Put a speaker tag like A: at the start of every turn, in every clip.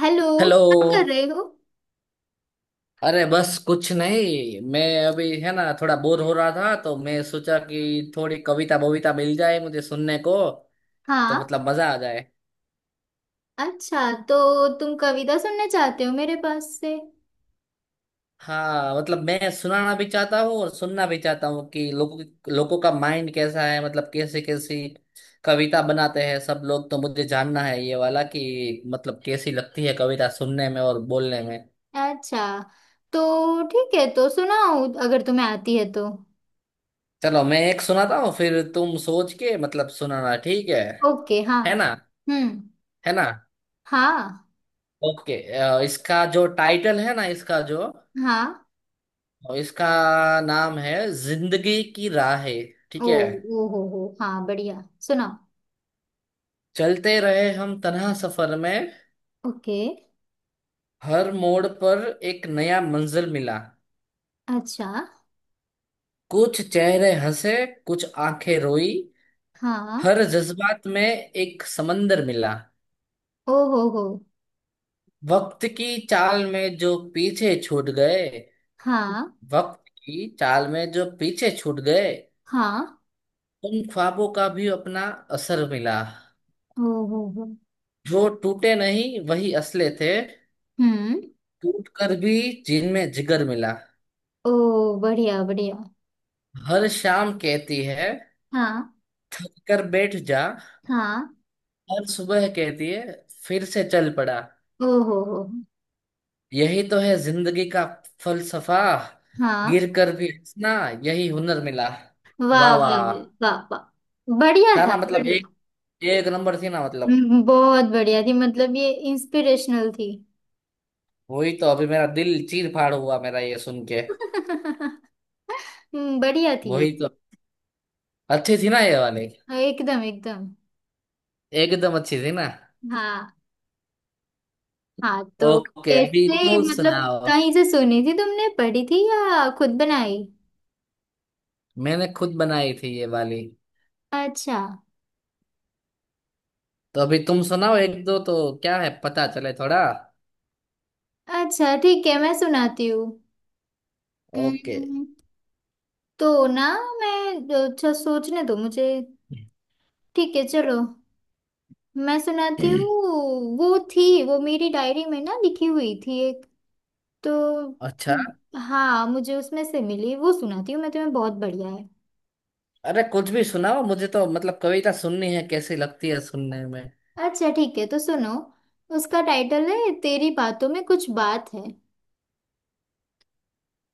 A: Hello.
B: Hello.
A: क्या कर रहे हो?
B: अरे बस कुछ नहीं, मैं अभी है ना थोड़ा बोर हो रहा था, तो मैं सोचा कि थोड़ी कविता बविता मिल जाए मुझे सुनने को, तो
A: हाँ।
B: मतलब मजा आ जाए।
A: अच्छा, तो तुम कविता सुनना चाहते हो मेरे पास से?
B: हाँ, मतलब मैं सुनाना भी चाहता हूँ और सुनना भी चाहता हूँ कि लोगों लोगों का माइंड कैसा है, मतलब कैसी कैसी कविता बनाते हैं सब लोग। तो मुझे जानना है ये वाला, कि मतलब कैसी लगती है कविता सुनने में और बोलने में।
A: अच्छा, तो ठीक है तो सुनाओ अगर तुम्हें आती है तो।
B: चलो मैं एक सुनाता हूँ, फिर तुम सोच के मतलब सुनाना, ठीक है?
A: ओके। हाँ।
B: है ना?
A: हम्म।
B: है ना?
A: हाँ।
B: ओके। इसका जो टाइटल है ना, इसका जो
A: हाँ।
B: इसका नाम है, जिंदगी की राहें।
A: ओ।
B: ठीक है?
A: ओ हो, हाँ, बढ़िया। सुनाओ।
B: चलते रहे हम तन्हा सफर में,
A: ओके।
B: हर मोड़ पर एक नया मंजिल मिला।
A: अच्छा।
B: कुछ चेहरे हंसे, कुछ आंखें रोई,
A: हाँ।
B: हर जज्बात में एक समंदर मिला।
A: ओ हो हो।
B: वक्त की चाल में जो पीछे छूट गए
A: हाँ।
B: वक्त की चाल में जो पीछे छूट गए
A: हाँ।
B: उन ख्वाबों का भी अपना असर मिला।
A: ओ हो हो।
B: जो टूटे नहीं वही असले थे,
A: हम्म।
B: टूट कर भी जिनमें जिगर मिला।
A: ओ, बढ़िया बढ़िया।
B: हर शाम कहती है
A: हाँ।
B: थक कर बैठ जा,
A: हाँ।
B: हर सुबह कहती है फिर से चल पड़ा।
A: ओ हो हो।
B: यही तो है जिंदगी का फलसफा,
A: हाँ।
B: गिर कर भी हंसना यही हुनर मिला। वाह
A: वाह वाह
B: वाह।
A: वाह वाह वाह। बढ़िया
B: था
A: था,
B: ना? मतलब
A: बढ़िया।
B: एक एक नंबर थी ना मतलब।
A: बहुत बढ़िया थी, मतलब ये इंस्पिरेशनल थी।
B: वही तो, अभी मेरा दिल चीर फाड़ हुआ मेरा ये सुन के।
A: बढ़िया थी ये।
B: वही तो, अच्छी थी ना ये वाली,
A: हाँ, एकदम एकदम।
B: एकदम अच्छी थी ना।
A: हाँ। हाँ, तो
B: ओके, अभी
A: कैसे,
B: तू
A: मतलब
B: सुनाओ।
A: कहीं से सुनी थी तुमने, पढ़ी थी या खुद बनाई?
B: मैंने खुद बनाई थी ये वाली।
A: अच्छा।
B: तो अभी तुम सुनाओ एक दो तो, क्या है पता चले थोड़ा।
A: अच्छा, ठीक है, मैं सुनाती हूँ।
B: ओके।
A: हम्म, तो ना, मैं... अच्छा, सोचने दो मुझे। ठीक है, चलो, मैं सुनाती हूँ। वो थी वो मेरी डायरी में ना, लिखी हुई थी तो।
B: अच्छा।
A: हाँ, मुझे उसमें से मिली, वो सुनाती हूँ मैं तुम्हें, बहुत बढ़िया है।
B: अरे कुछ भी सुनाओ, मुझे तो मतलब कविता सुननी है, कैसी लगती है सुनने में।
A: अच्छा ठीक है, तो सुनो। उसका टाइटल है, तेरी बातों में कुछ बात है।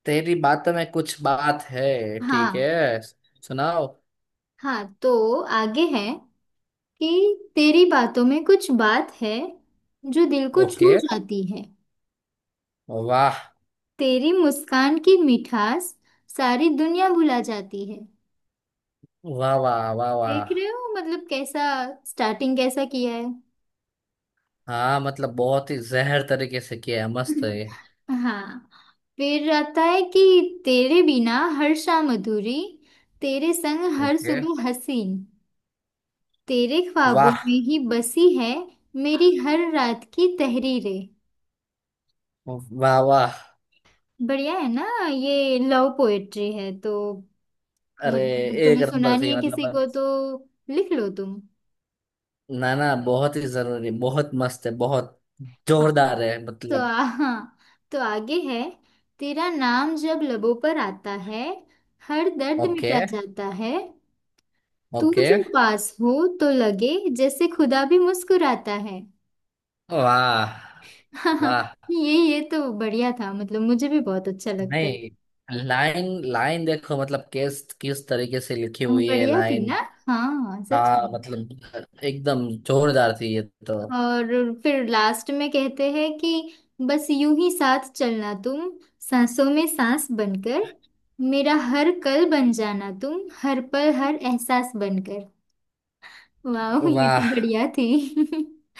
B: तेरी बात में कुछ बात है, ठीक
A: हाँ।
B: है सुनाओ।
A: हाँ, तो आगे है कि, तेरी बातों में कुछ बात है, जो दिल को
B: ओके।
A: छू जाती है।
B: वाह।
A: तेरी मुस्कान की मिठास, सारी दुनिया भुला जाती है।
B: वाह वाह वाह
A: देख
B: वाह।
A: रहे हो मतलब कैसा स्टार्टिंग कैसा किया है।
B: हाँ मतलब बहुत ही जहर तरीके से किया है, मस्त है ये।
A: हाँ, फिर आता है कि, तेरे बिना हर शाम अधूरी, तेरे संग हर
B: ओके।
A: सुबह हसीन, तेरे ख्वाबों में
B: वाह।
A: ही बसी है मेरी हर रात की तहरीरें।
B: वाह वाह।
A: बढ़िया है ना? ये लव पोएट्री है, तो
B: अरे
A: मतलब
B: एक
A: तुम्हें
B: नंबर
A: सुनानी
B: थी
A: है
B: मतलब।
A: किसी को तो लिख लो तुम।
B: ना ना, बहुत ही जरूरी, बहुत मस्त है, बहुत
A: हाँ,
B: जोरदार है
A: तो
B: मतलब।
A: हाँ, तो आगे है, तेरा नाम जब लबों पर आता है, हर दर्द
B: ओके।
A: मिटा जाता है। तू
B: ओके।
A: जो पास हो तो लगे, जैसे खुदा भी मुस्कुराता है।
B: वाह।
A: हाँ, हाँ।
B: वाह।
A: ये तो बढ़िया था, मतलब मुझे भी बहुत अच्छा लगता है।
B: नहीं, लाइन लाइन देखो मतलब, किस किस तरीके से लिखी हुई है
A: बढ़िया थी
B: लाइन।
A: ना? हाँ, सच
B: हाँ
A: में।
B: मतलब एकदम जोरदार थी ये तो।
A: और फिर लास्ट में कहते हैं कि, बस यूं ही साथ चलना तुम, सांसों में सांस बनकर, मेरा हर पल बन जाना तुम, हर पल हर एहसास बनकर। वाह, ये तो
B: वाह।
A: बढ़िया थी।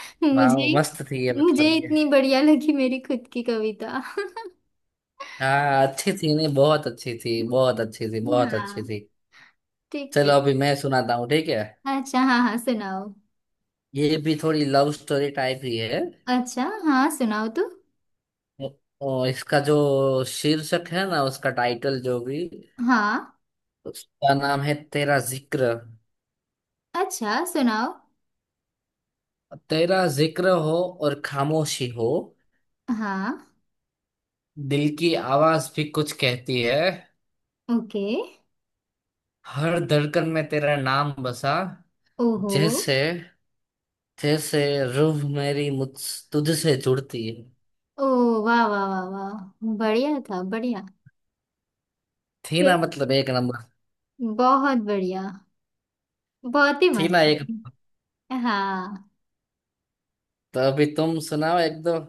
B: वाह
A: मुझे
B: मस्त थी ये,
A: मुझे
B: मतलब ये।
A: इतनी बढ़िया लगी मेरी खुद की कविता।
B: हाँ अच्छी थी, नहीं बहुत अच्छी थी, बहुत अच्छी थी, बहुत अच्छी
A: हाँ,
B: थी।
A: ठीक है।
B: चलो अभी मैं सुनाता हूँ, ठीक है?
A: अच्छा, हाँ हाँ, सुनाओ।
B: ये भी थोड़ी लव स्टोरी टाइप ही है।
A: अच्छा, हाँ, सुनाओ तो।
B: और इसका जो शीर्षक है ना, उसका टाइटल जो भी,
A: हाँ।
B: उसका नाम है तेरा जिक्र।
A: अच्छा, सुनाओ।
B: तेरा जिक्र हो और खामोशी हो,
A: हाँ।
B: दिल की आवाज भी कुछ कहती है।
A: ओके।
B: हर धड़कन में तेरा नाम बसा,
A: ओहो।
B: जैसे जैसे रूह मेरी मुझ तुझसे जुड़ती है।
A: ओ, वाह वाह वाह वाह, बढ़िया था, बढ़िया।
B: थी ना
A: फिर,
B: मतलब एक नंबर?
A: बहुत बढ़िया, बहुत ही
B: थी
A: मस्त
B: ना एक?
A: थी। हाँ।
B: तो अभी तुम सुनाओ एक दो।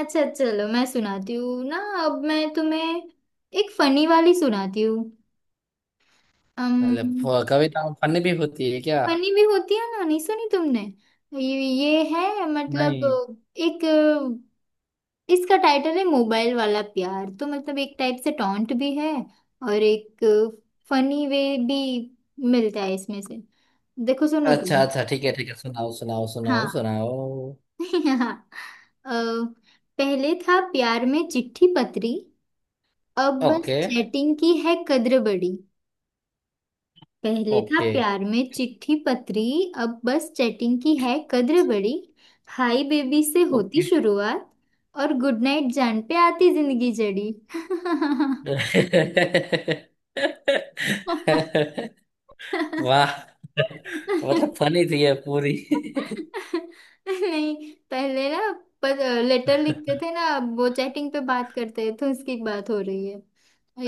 A: अच्छा, चलो, मैं सुनाती हूँ ना। अब मैं तुम्हें एक फनी वाली सुनाती हूँ।
B: अरे
A: अम
B: कविता फनी भी होती है क्या?
A: फनी भी होती है ना, नहीं सुनी तुमने? ये है, मतलब
B: नहीं।
A: एक... इसका टाइटल है, मोबाइल वाला प्यार, तो मतलब एक टाइप से टॉन्ट भी है, और एक फनी वे भी मिलता है इसमें से। देखो, सुनो
B: अच्छा
A: तुम।
B: अच्छा, ठीक है ठीक है, सुनाओ सुनाओ
A: हाँ।
B: सुनाओ सुनाओ।
A: हाँ। अ, पहले था प्यार में चिट्ठी पत्री, अब बस
B: ओके।
A: चैटिंग की है कद्र बड़ी। पहले था
B: ओके।
A: प्यार में चिट्ठी पत्री, अब बस चैटिंग की है कद्र बड़ी। हाय बेबी से होती
B: ओके।
A: शुरुआत, और गुड नाइट जान पे आती जिंदगी जड़ी।
B: वाह, मतलब फनी थी ये पूरी।
A: नहीं, पहले ना, पर लेटर लिखते थे ना, अब वो चैटिंग पे बात करते हैं, तो उसकी बात हो रही है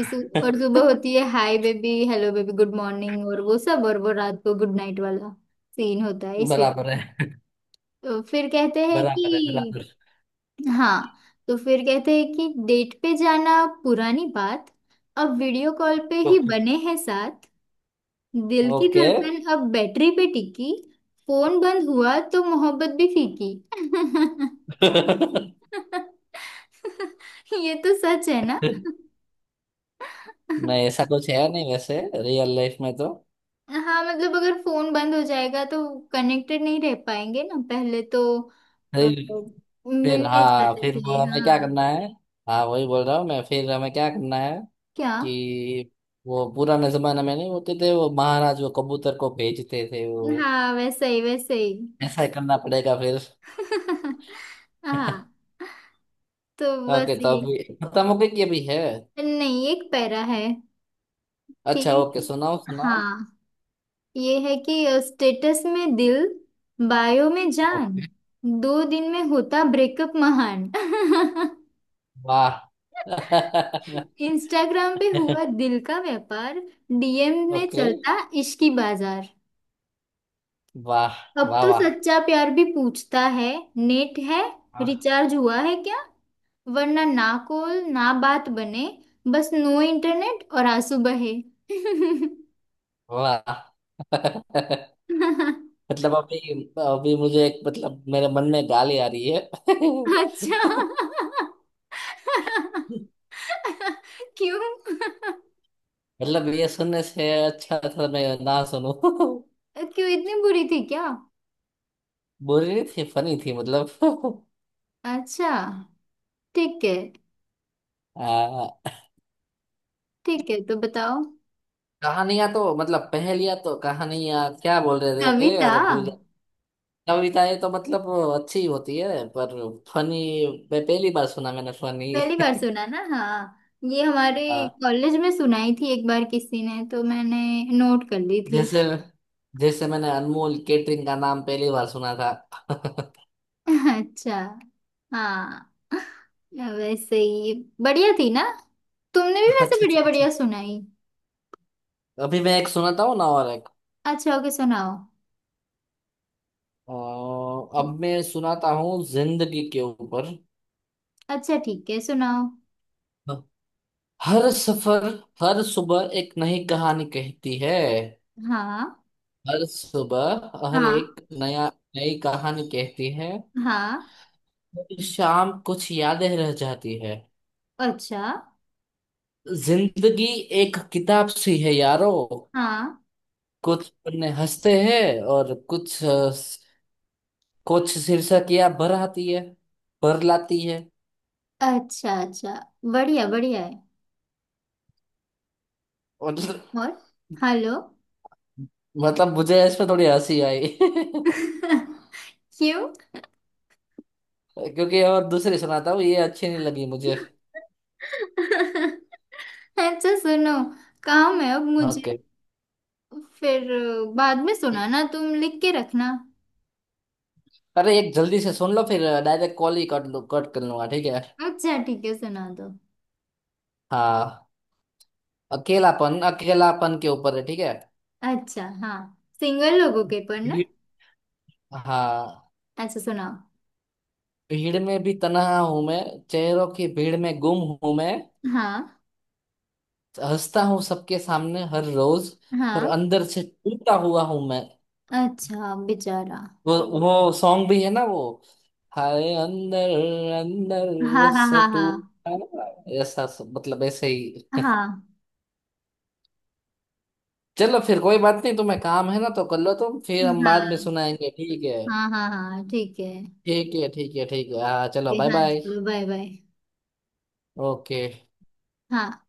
A: इसी। और सुबह होती है hi baby, hello baby, good morning, और वो सब, और वो रात को गुड नाइट वाला सीन होता है,
B: बराबर
A: इसीलिए
B: है।
A: तो फिर कहते हैं
B: बराबर है
A: कि।
B: बराबर।
A: हाँ, तो फिर कहते हैं कि, डेट पे जाना पुरानी बात, अब वीडियो कॉल पे ही बने हैं। दिल की
B: ओके।
A: धड़कन अब बैटरी पे टिकी, फोन बंद हुआ तो मोहब्बत भी फीकी। ये तो सच है ना?
B: नहीं ऐसा कुछ है नहीं वैसे रियल लाइफ में तो।
A: हाँ, मतलब अगर फोन बंद हो जाएगा तो कनेक्टेड नहीं रह पाएंगे ना। पहले तो अ,
B: फिर। फिर
A: मिलने
B: हाँ,
A: जाते
B: फिर वो
A: थे,
B: हमें क्या
A: हाँ।
B: करना है? हाँ वही बोल रहा हूँ मैं, फिर हमें क्या करना है?
A: क्या?
B: कि वो पुराने जमाने में नहीं होते थे वो महाराज, वो कबूतर को भेजते थे वो,
A: हाँ, वैसे ही, वैसे ही।
B: ऐसा ही करना पड़ेगा फिर।
A: हाँ, तो बस
B: ओके, तो
A: ये।
B: अभी खत्म हो गई कि अभी है?
A: नहीं, एक पैरा है
B: अच्छा ओके,
A: कि,
B: सुनाओ सुनाओ।
A: हाँ, ये है कि, स्टेटस में दिल, बायो में जान,
B: ओके।
A: दो दिन में होता ब्रेकअप महान।
B: वाह।
A: इंस्टाग्राम पे हुआ दिल का व्यापार, डीएम में
B: ओके।
A: चलता इश्की बाजार।
B: वाह
A: अब
B: वाह
A: तो
B: वाह
A: सच्चा प्यार भी पूछता है, नेट है, रिचार्ज हुआ है क्या? वरना ना कॉल ना बात बने, बस नो इंटरनेट और आंसू बहे।
B: वाह। मतलब अभी, अभी मुझे एक, मतलब मेरे मन में गाली आ रही है।
A: अच्छा। क्यों?
B: मतलब ये सुनने से अच्छा था मैं ना सुनूं।
A: क्यों, इतनी बुरी थी क्या?
B: बुरी नहीं थी, फनी थी मतलब।
A: अच्छा। ठीक है,
B: आ,
A: ठीक है तो बताओ।
B: कहानियां तो मतलब, पहेलियां तो कहानियां क्या बोल रहे थे,
A: कविता।
B: अरे भूल गया। कविताएं तो मतलब अच्छी होती है, पर फनी मैं पहली बार सुना, मैंने फनी।
A: पहली बार सुना ना? हाँ, ये हमारे
B: आ,
A: कॉलेज में सुनाई थी एक बार किसी ने, तो मैंने नोट कर ली थी।
B: जैसे जैसे मैंने अनमोल केटरिंग का नाम पहली बार सुना था। अच्छा
A: अच्छा। हाँ, वैसे ही। बढ़िया थी ना। तुमने भी वैसे
B: अच्छा।
A: बढ़िया
B: अच्छा।
A: बढ़िया सुनाई।
B: अभी मैं एक सुनाता हूँ ना और एक।
A: अच्छा। ओके, सुनाओ।
B: अ, अब मैं सुनाता हूँ जिंदगी के ऊपर।
A: अच्छा ठीक है, सुनाओ।
B: हर सफर, हर सुबह एक नई कहानी कहती है
A: हाँ,
B: हर सुबह हर
A: हाँ,
B: एक नया नई कहानी कहती है।
A: हाँ।
B: हर शाम कुछ यादें रह जाती है।
A: अच्छा।
B: जिंदगी एक किताब सी है यारो,
A: हाँ।
B: कुछ पन्ने हंसते हैं और कुछ शीर्षक या भर लाती है।
A: अच्छा। अच्छा, बढ़िया बढ़िया है।
B: और
A: और... हेलो?
B: मतलब मुझे इस पे थोड़ी हंसी आई।
A: क्यों?
B: क्योंकि और दूसरी सुनाता हूँ, ये अच्छी नहीं लगी मुझे।
A: अच्छा, सुनो, काम है अब मुझे।
B: ओके।
A: फिर बाद में सुनाना, तुम लिख के रखना।
B: अरे एक जल्दी से सुन लो, फिर डायरेक्ट कॉल ही कट लो, कट कर लूंगा, ठीक है?
A: अच्छा ठीक है, सुना दो।
B: हाँ, अकेलापन अकेलापन के ऊपर है, ठीक है?
A: अच्छा, हाँ, सिंगल लोगों के पर ना।
B: भीड़। हाँ,
A: अच्छा, सुनाओ।
B: भीड़ में भी तन्हा हूं मैं, चेहरों की भीड़ में गुम हूं मैं।
A: हाँ।
B: हंसता हूँ सबके सामने हर रोज, और
A: हाँ,
B: अंदर से टूटा हुआ हूं मैं।
A: अच्छा, बेचारा।
B: वो वो सॉन्ग भी है ना वो, हाय अंदर
A: हाँ,
B: अंदर
A: हाँ,
B: से
A: हाँ, हाँ।
B: टूटा हुआ", ऐसा मतलब ऐसे ही।
A: हाँ,
B: चलो फिर कोई बात नहीं, तुम्हें काम है ना तो कर लो तुम, फिर हम बाद में
A: हाँ,
B: सुनाएंगे, ठीक है?
A: हाँ, हाँ हाँ ठीक है।
B: ठीक है ठीक है ठीक है हाँ, चलो
A: फिर
B: बाय
A: हाँ,
B: बाय।
A: चलो, बाय बाय।
B: ओके।
A: हाँ।